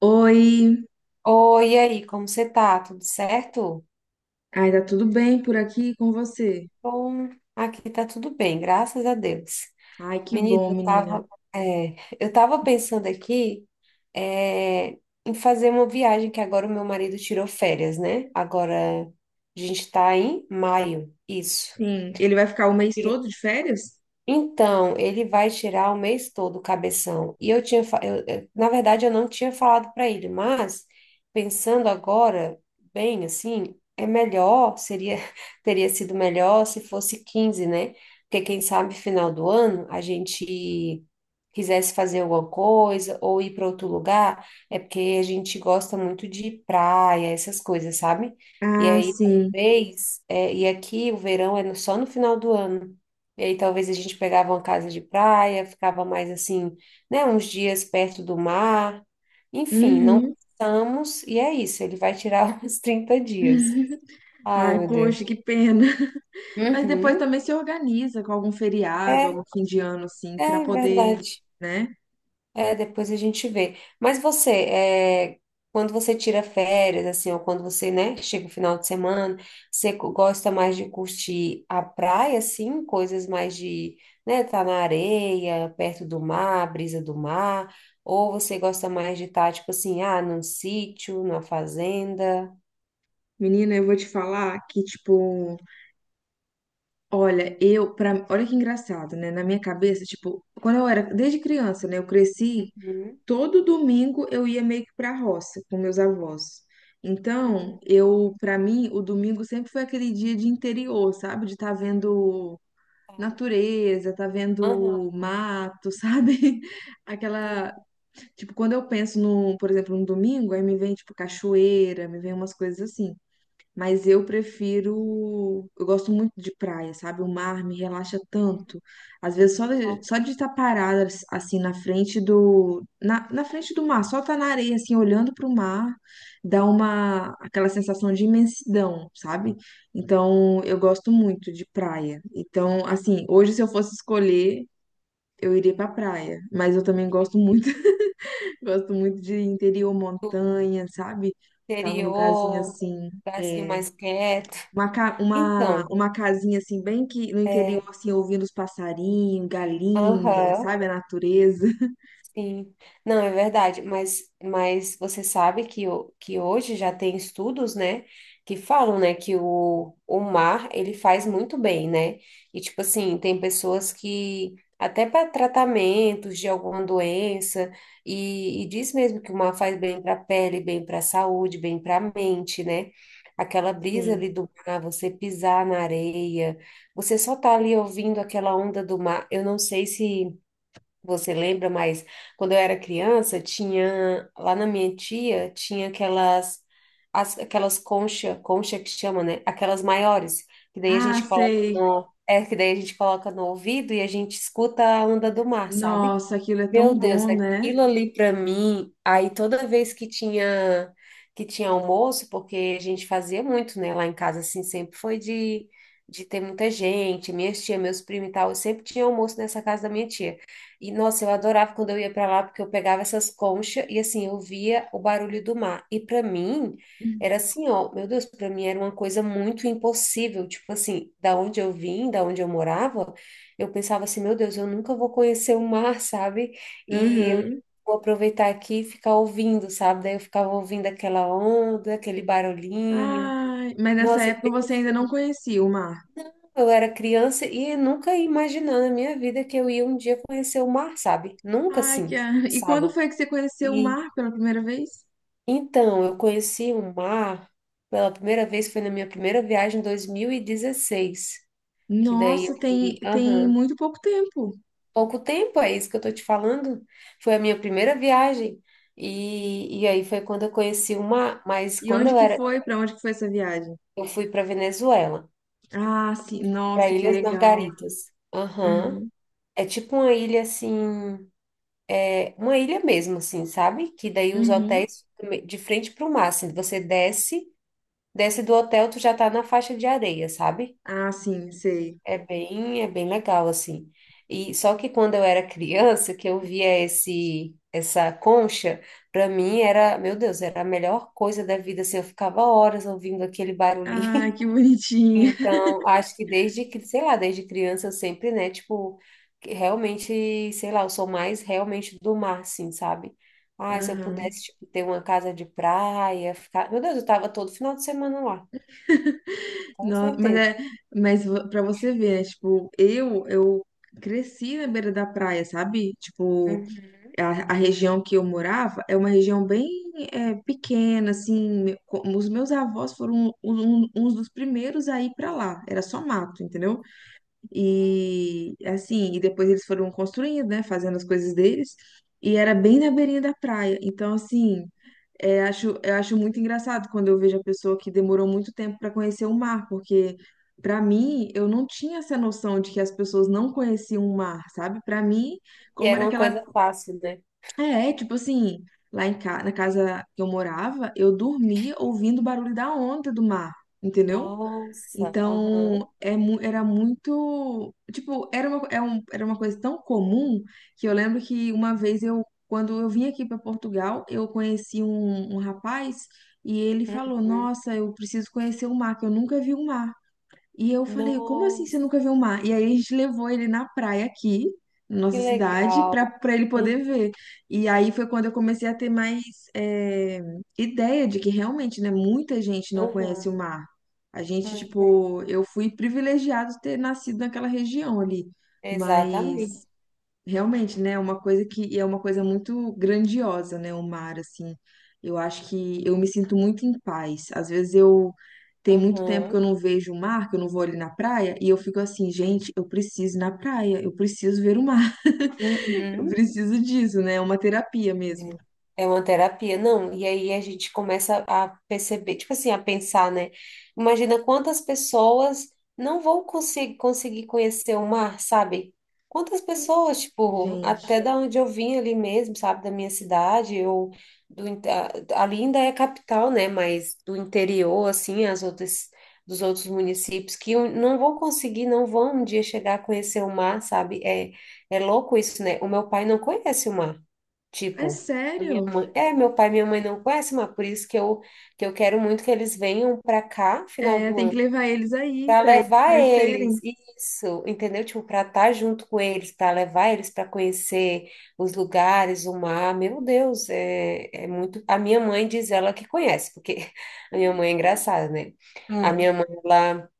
Oi, Oi, e aí, como você tá? Tudo certo? ai, tá tudo bem por aqui com você? Bom, aqui tá tudo bem, graças a Deus. Ai, que Menino, bom, eu menina. tava, eu tava pensando aqui, é, em fazer uma viagem que agora o meu marido tirou férias, né? Agora a gente tá em maio, isso. Sim, ele vai ficar o mês todo de férias? Então, ele vai tirar o mês todo o cabeção. E eu tinha, na verdade, eu não tinha falado para ele, mas pensando agora, bem assim, é melhor, seria, teria sido melhor se fosse quinze, né? Porque quem sabe final do ano a gente quisesse fazer alguma coisa ou ir para outro lugar, é porque a gente gosta muito de praia, essas coisas, sabe? E Ah, aí, sim. talvez, e aqui o verão é só no final do ano. E aí talvez a gente pegava uma casa de praia, ficava mais assim, né, uns dias perto do mar. Enfim, não Uhum. pensamos, e é isso, ele vai tirar uns 30 dias. Ai, Ai, meu Deus. poxa, que pena. Mas depois Uhum. também se organiza com algum feriado, É, algum fim de ano, assim, pra é poder, verdade. né? É, depois a gente vê. Mas você, é, quando você tira férias, assim, ou quando você, né, chega o final de semana, você gosta mais de curtir a praia, assim, coisas mais de, né, tá na areia, perto do mar, brisa do mar, ou você gosta mais de estar, tipo assim, ah, num sítio, numa fazenda? Menina, eu vou te falar que, tipo, olha, olha que engraçado, né? Na minha cabeça, tipo, quando eu era, desde criança, né? Eu cresci Uhum. todo domingo eu ia meio que para roça com meus avós. Então, Hum, eu, para mim, o domingo sempre foi aquele dia de interior, sabe? De estar vendo tá. natureza, tá Aham, vendo mato, sabe? Aquela, sim. tipo, quando eu penso por exemplo, no domingo, aí me vem tipo cachoeira, me vem umas coisas assim. Mas eu prefiro. Eu gosto muito de praia, sabe? O mar me relaxa tanto. Às vezes, Ou- só de estar parada assim na frente do. Na ou- frente do mar, só estar na areia, assim, olhando para o mar, dá uma aquela sensação de imensidão, sabe? Então, eu gosto muito de praia. Então, assim, hoje, se eu fosse escolher, eu iria para praia. Mas eu também sim. gosto muito, gosto muito de interior, Do montanha, sabe? Tá num lugarzinho interior, um assim lugarzinho é, mais quieto. Então, uma casinha assim, bem que no interior, é, assim, ouvindo os passarinhos, galinha, aham, sabe? A natureza. sim. Não, é verdade, mas você sabe que, que hoje já tem estudos, né, que falam, né, que o mar, ele faz muito bem, né? E, tipo assim, tem pessoas que, até para tratamentos de alguma doença, e diz mesmo que o mar faz bem para a pele, bem para a saúde, bem para a mente, né? Aquela brisa ali Sim. do mar, você pisar na areia, você só tá ali ouvindo aquela onda do mar, eu não sei se você lembra, mas quando eu era criança, tinha lá na minha tia, tinha aquelas concha, concha que chama, né? Aquelas maiores, que daí a Ah, gente sei. Coloca no ouvido e a gente escuta a onda do mar, sabe? Nossa, aquilo é Meu tão Deus, bom, né? aquilo ali para mim, aí toda vez que tinha almoço, porque a gente fazia muito, né, lá em casa assim, sempre foi de ter muita gente, minhas tia, meus primos e tal, eu sempre tinha almoço nessa casa da minha tia. E nossa, eu adorava quando eu ia para lá porque eu pegava essas conchas e assim, eu via o barulho do mar. E para mim era assim, ó, meu Deus, para mim era uma coisa muito impossível, tipo assim, da onde eu vim, da onde eu morava, eu pensava assim, meu Deus, eu nunca vou conhecer o mar, sabe? E eu Uhum. vou aproveitar aqui e ficar ouvindo, sabe? Daí eu ficava ouvindo aquela onda, aquele barulhinho. Ai, mas nessa Nossa, época você ainda não conhecia o mar. eu era criança e nunca ia imaginar na minha vida que eu ia um dia conhecer o mar, sabe? Nunca Ai, que... assim a- E quando pensava. foi que você conheceu o E mar pela primeira vez? então, eu conheci o mar pela primeira vez, foi na minha primeira viagem em 2016, que daí eu Nossa, fui, tem aham, muito pouco tempo. pouco tempo, é isso que eu tô te falando. Foi a minha primeira viagem. E aí foi quando eu conheci uma, mas E quando onde eu que era, foi? Pra onde que foi essa viagem? eu fui para Venezuela, Ah, sim. para Nossa, que Ilhas legal. Margaritas. Aham. Uhum. É tipo uma ilha assim, é uma ilha mesmo assim, sabe? Que daí os Uhum. hotéis de frente para o mar, assim, você desce, desce do hotel, tu já tá na faixa de areia, sabe? Ah, sim, sei. É bem legal, assim. E só que quando eu era criança, que eu via essa concha, para mim era, meu Deus, era a melhor coisa da vida, assim, eu ficava horas ouvindo aquele barulhinho. Ah, que bonitinha. Então, acho que desde, sei lá, desde criança eu sempre, né, tipo, que realmente, sei lá, eu sou mais realmente do mar, assim, sabe? Ah, se eu pudesse, Aham. tipo, ter uma casa de praia, ficar... Meu Deus, eu tava todo final de semana lá, com Mas certeza. é, pra você ver, né, tipo, eu cresci na beira da praia, sabe? Tipo, Uhum. A região que eu morava é uma região bem pequena, assim, os meus avós foram uns dos primeiros a ir pra lá, era só mato, entendeu? E assim, e depois eles foram construindo, né, fazendo as coisas deles, e era bem na beirinha da praia. Então, assim, eu acho muito engraçado quando eu vejo a pessoa que demorou muito tempo para conhecer o mar, porque para mim eu não tinha essa noção de que as pessoas não conheciam o mar, sabe? Para mim, E como era era uma aquela. coisa fácil, né? É, tipo assim, na casa que eu morava, eu dormia ouvindo o barulho da onda do mar, entendeu? Nossa, Então, aham. Era muito, tipo, era uma coisa tão comum que eu lembro que uma vez eu, quando eu vim aqui para Portugal, eu conheci um rapaz e ele falou, Uhum. nossa, eu preciso conhecer o mar, que eu nunca vi o mar. E eu falei, como assim você Nossa, nunca viu o mar? E aí a gente levou ele na praia aqui, na que nossa cidade, legal. Para ele poder Uhum. ver. E aí foi quando eu comecei a ter mais é, ideia de que realmente, né, muita gente não Uhum. conhece o mar. A gente, tipo, eu fui privilegiado de ter nascido naquela região ali. Exatamente. Mas realmente, né? É uma coisa que e é uma coisa muito grandiosa, né? O mar, assim. Eu acho que eu me sinto muito em paz. Às vezes eu tem muito tempo que eu Uhum. não vejo o mar, que eu não vou ali na praia, e eu fico assim, gente, eu preciso ir na praia, eu preciso ver o mar, eu Uhum. preciso disso, né? É uma terapia mesmo. Né? É uma terapia, não. E aí a gente começa a perceber, tipo assim, a pensar, né? Imagina quantas pessoas não vão conseguir conhecer o mar, sabe? Quantas pessoas, tipo, Gente, até da onde eu vim ali mesmo, sabe? Da minha cidade, ou ali ainda é capital, né? Mas do interior, assim, as outras, dos outros municípios, que um, não vão conseguir, não vão um dia chegar a conhecer o mar, sabe? É, é louco isso, né? O meu pai não conhece o mar. é Tipo, a minha sério? mãe, é, meu pai e minha mãe não conhecem, mas por isso que eu quero muito que eles venham para cá, final É, do tem que ano, levar eles aí para pra eles levar eles, conhecerem. isso, entendeu? Tipo, para estar junto com eles, para levar eles para conhecer os lugares, o mar. Meu Deus, é muito. A minha mãe diz ela que conhece, porque a minha mãe é engraçada, né? A Ah, minha mãe, ela.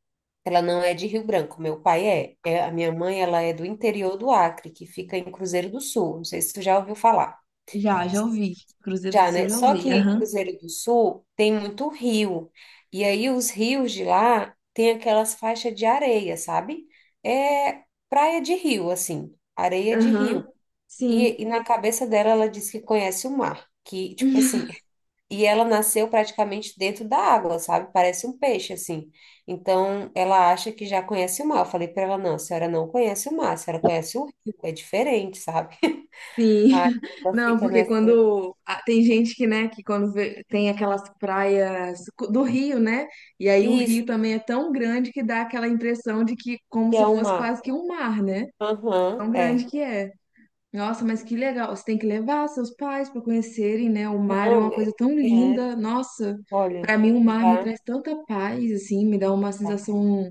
Ela não é de Rio Branco, meu pai é. É, a minha mãe, ela é do interior do Acre, que fica em Cruzeiro do Sul. Não sei se tu já ouviu falar. já, já ouvi. Cruzeiro do Já, Sul eu né? já Só ouvi. que Aham. Cruzeiro do Sul tem muito rio. E aí os rios de lá tem aquelas faixas de areia, sabe? É praia de rio, assim, areia de rio. Aham. Sim. E na cabeça dela ela diz que conhece o mar, que tipo assim, e ela nasceu praticamente dentro da água, sabe? Parece um peixe assim. Então ela acha que já conhece o mar. Eu falei para ela, não, a senhora não conhece o mar, a senhora conhece o rio, é diferente, sabe? Sim, Aí ela não, fica porque nessa, quando ah, tem gente que, né, tem aquelas praias do Rio, né, e aí o isso Rio também é tão grande que dá aquela impressão de que como que se é o fosse mar. quase que um mar, né? Aham, Tão grande é. que é. Nossa, mas que legal! Você tem que levar seus pais para conhecerem, né? O mar é uma Não, eu coisa tão quero. linda. Nossa, Olha, para mim o mar me já. traz tanta paz, assim, me dá uma Vai. sensação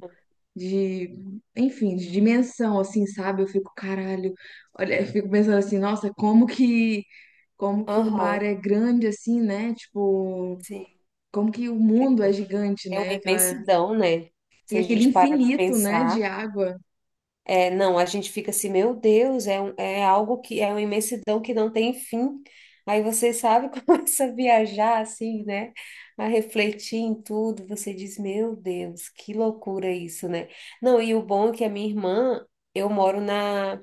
de, enfim, de dimensão, assim, sabe? Eu fico, caralho, olha, eu fico pensando assim, nossa, como que o mar Aham, é grande assim, né? Tipo, sim. como que o É, mundo é gigante, é uma né? Aquela, imensidão, né? Se e a aquele gente parar para infinito, né, de pensar. água. É, não, a gente fica assim, meu Deus, é algo que é uma imensidão que não tem fim. Aí você sabe, começa a viajar assim, né? A refletir em tudo, você diz, meu Deus, que loucura isso, né? Não, e o bom é que a minha irmã, eu moro na,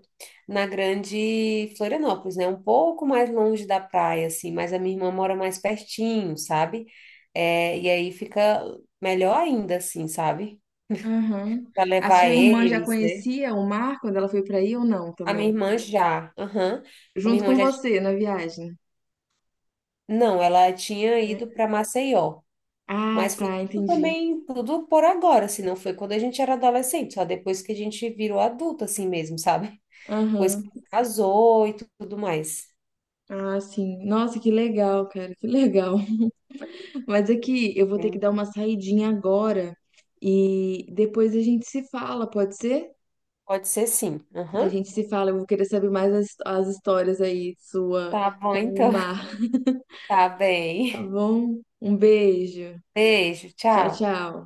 na grande Florianópolis, né? Um pouco mais longe da praia, assim, mas a minha irmã mora mais pertinho, sabe? É, e aí fica melhor ainda, assim, sabe? Aham. Para A levar sua irmã já eles, né? conhecia o mar quando ela foi pra aí ou não A minha também? irmã já, aham. A minha Junto irmã com já, ti- você na viagem. não, ela tinha ido Né? para Maceió, Ah, mas foi tá, tudo entendi. também, tudo por agora, assim, não foi quando a gente era adolescente, só depois que a gente virou adulto, assim mesmo, sabe? Depois que Aham. casou e tudo mais. Ah, sim. Nossa, que legal, cara, que legal. Mas é que eu vou ter que Hum, dar uma saidinha agora e depois a gente se fala, pode ser? Pode ser sim, A aham. gente se fala, eu vou querer saber mais as histórias aí sua Tá bom, com o então. mar, Tá tá bem. bom? Um beijo. Beijo, Tchau, tchau. tchau.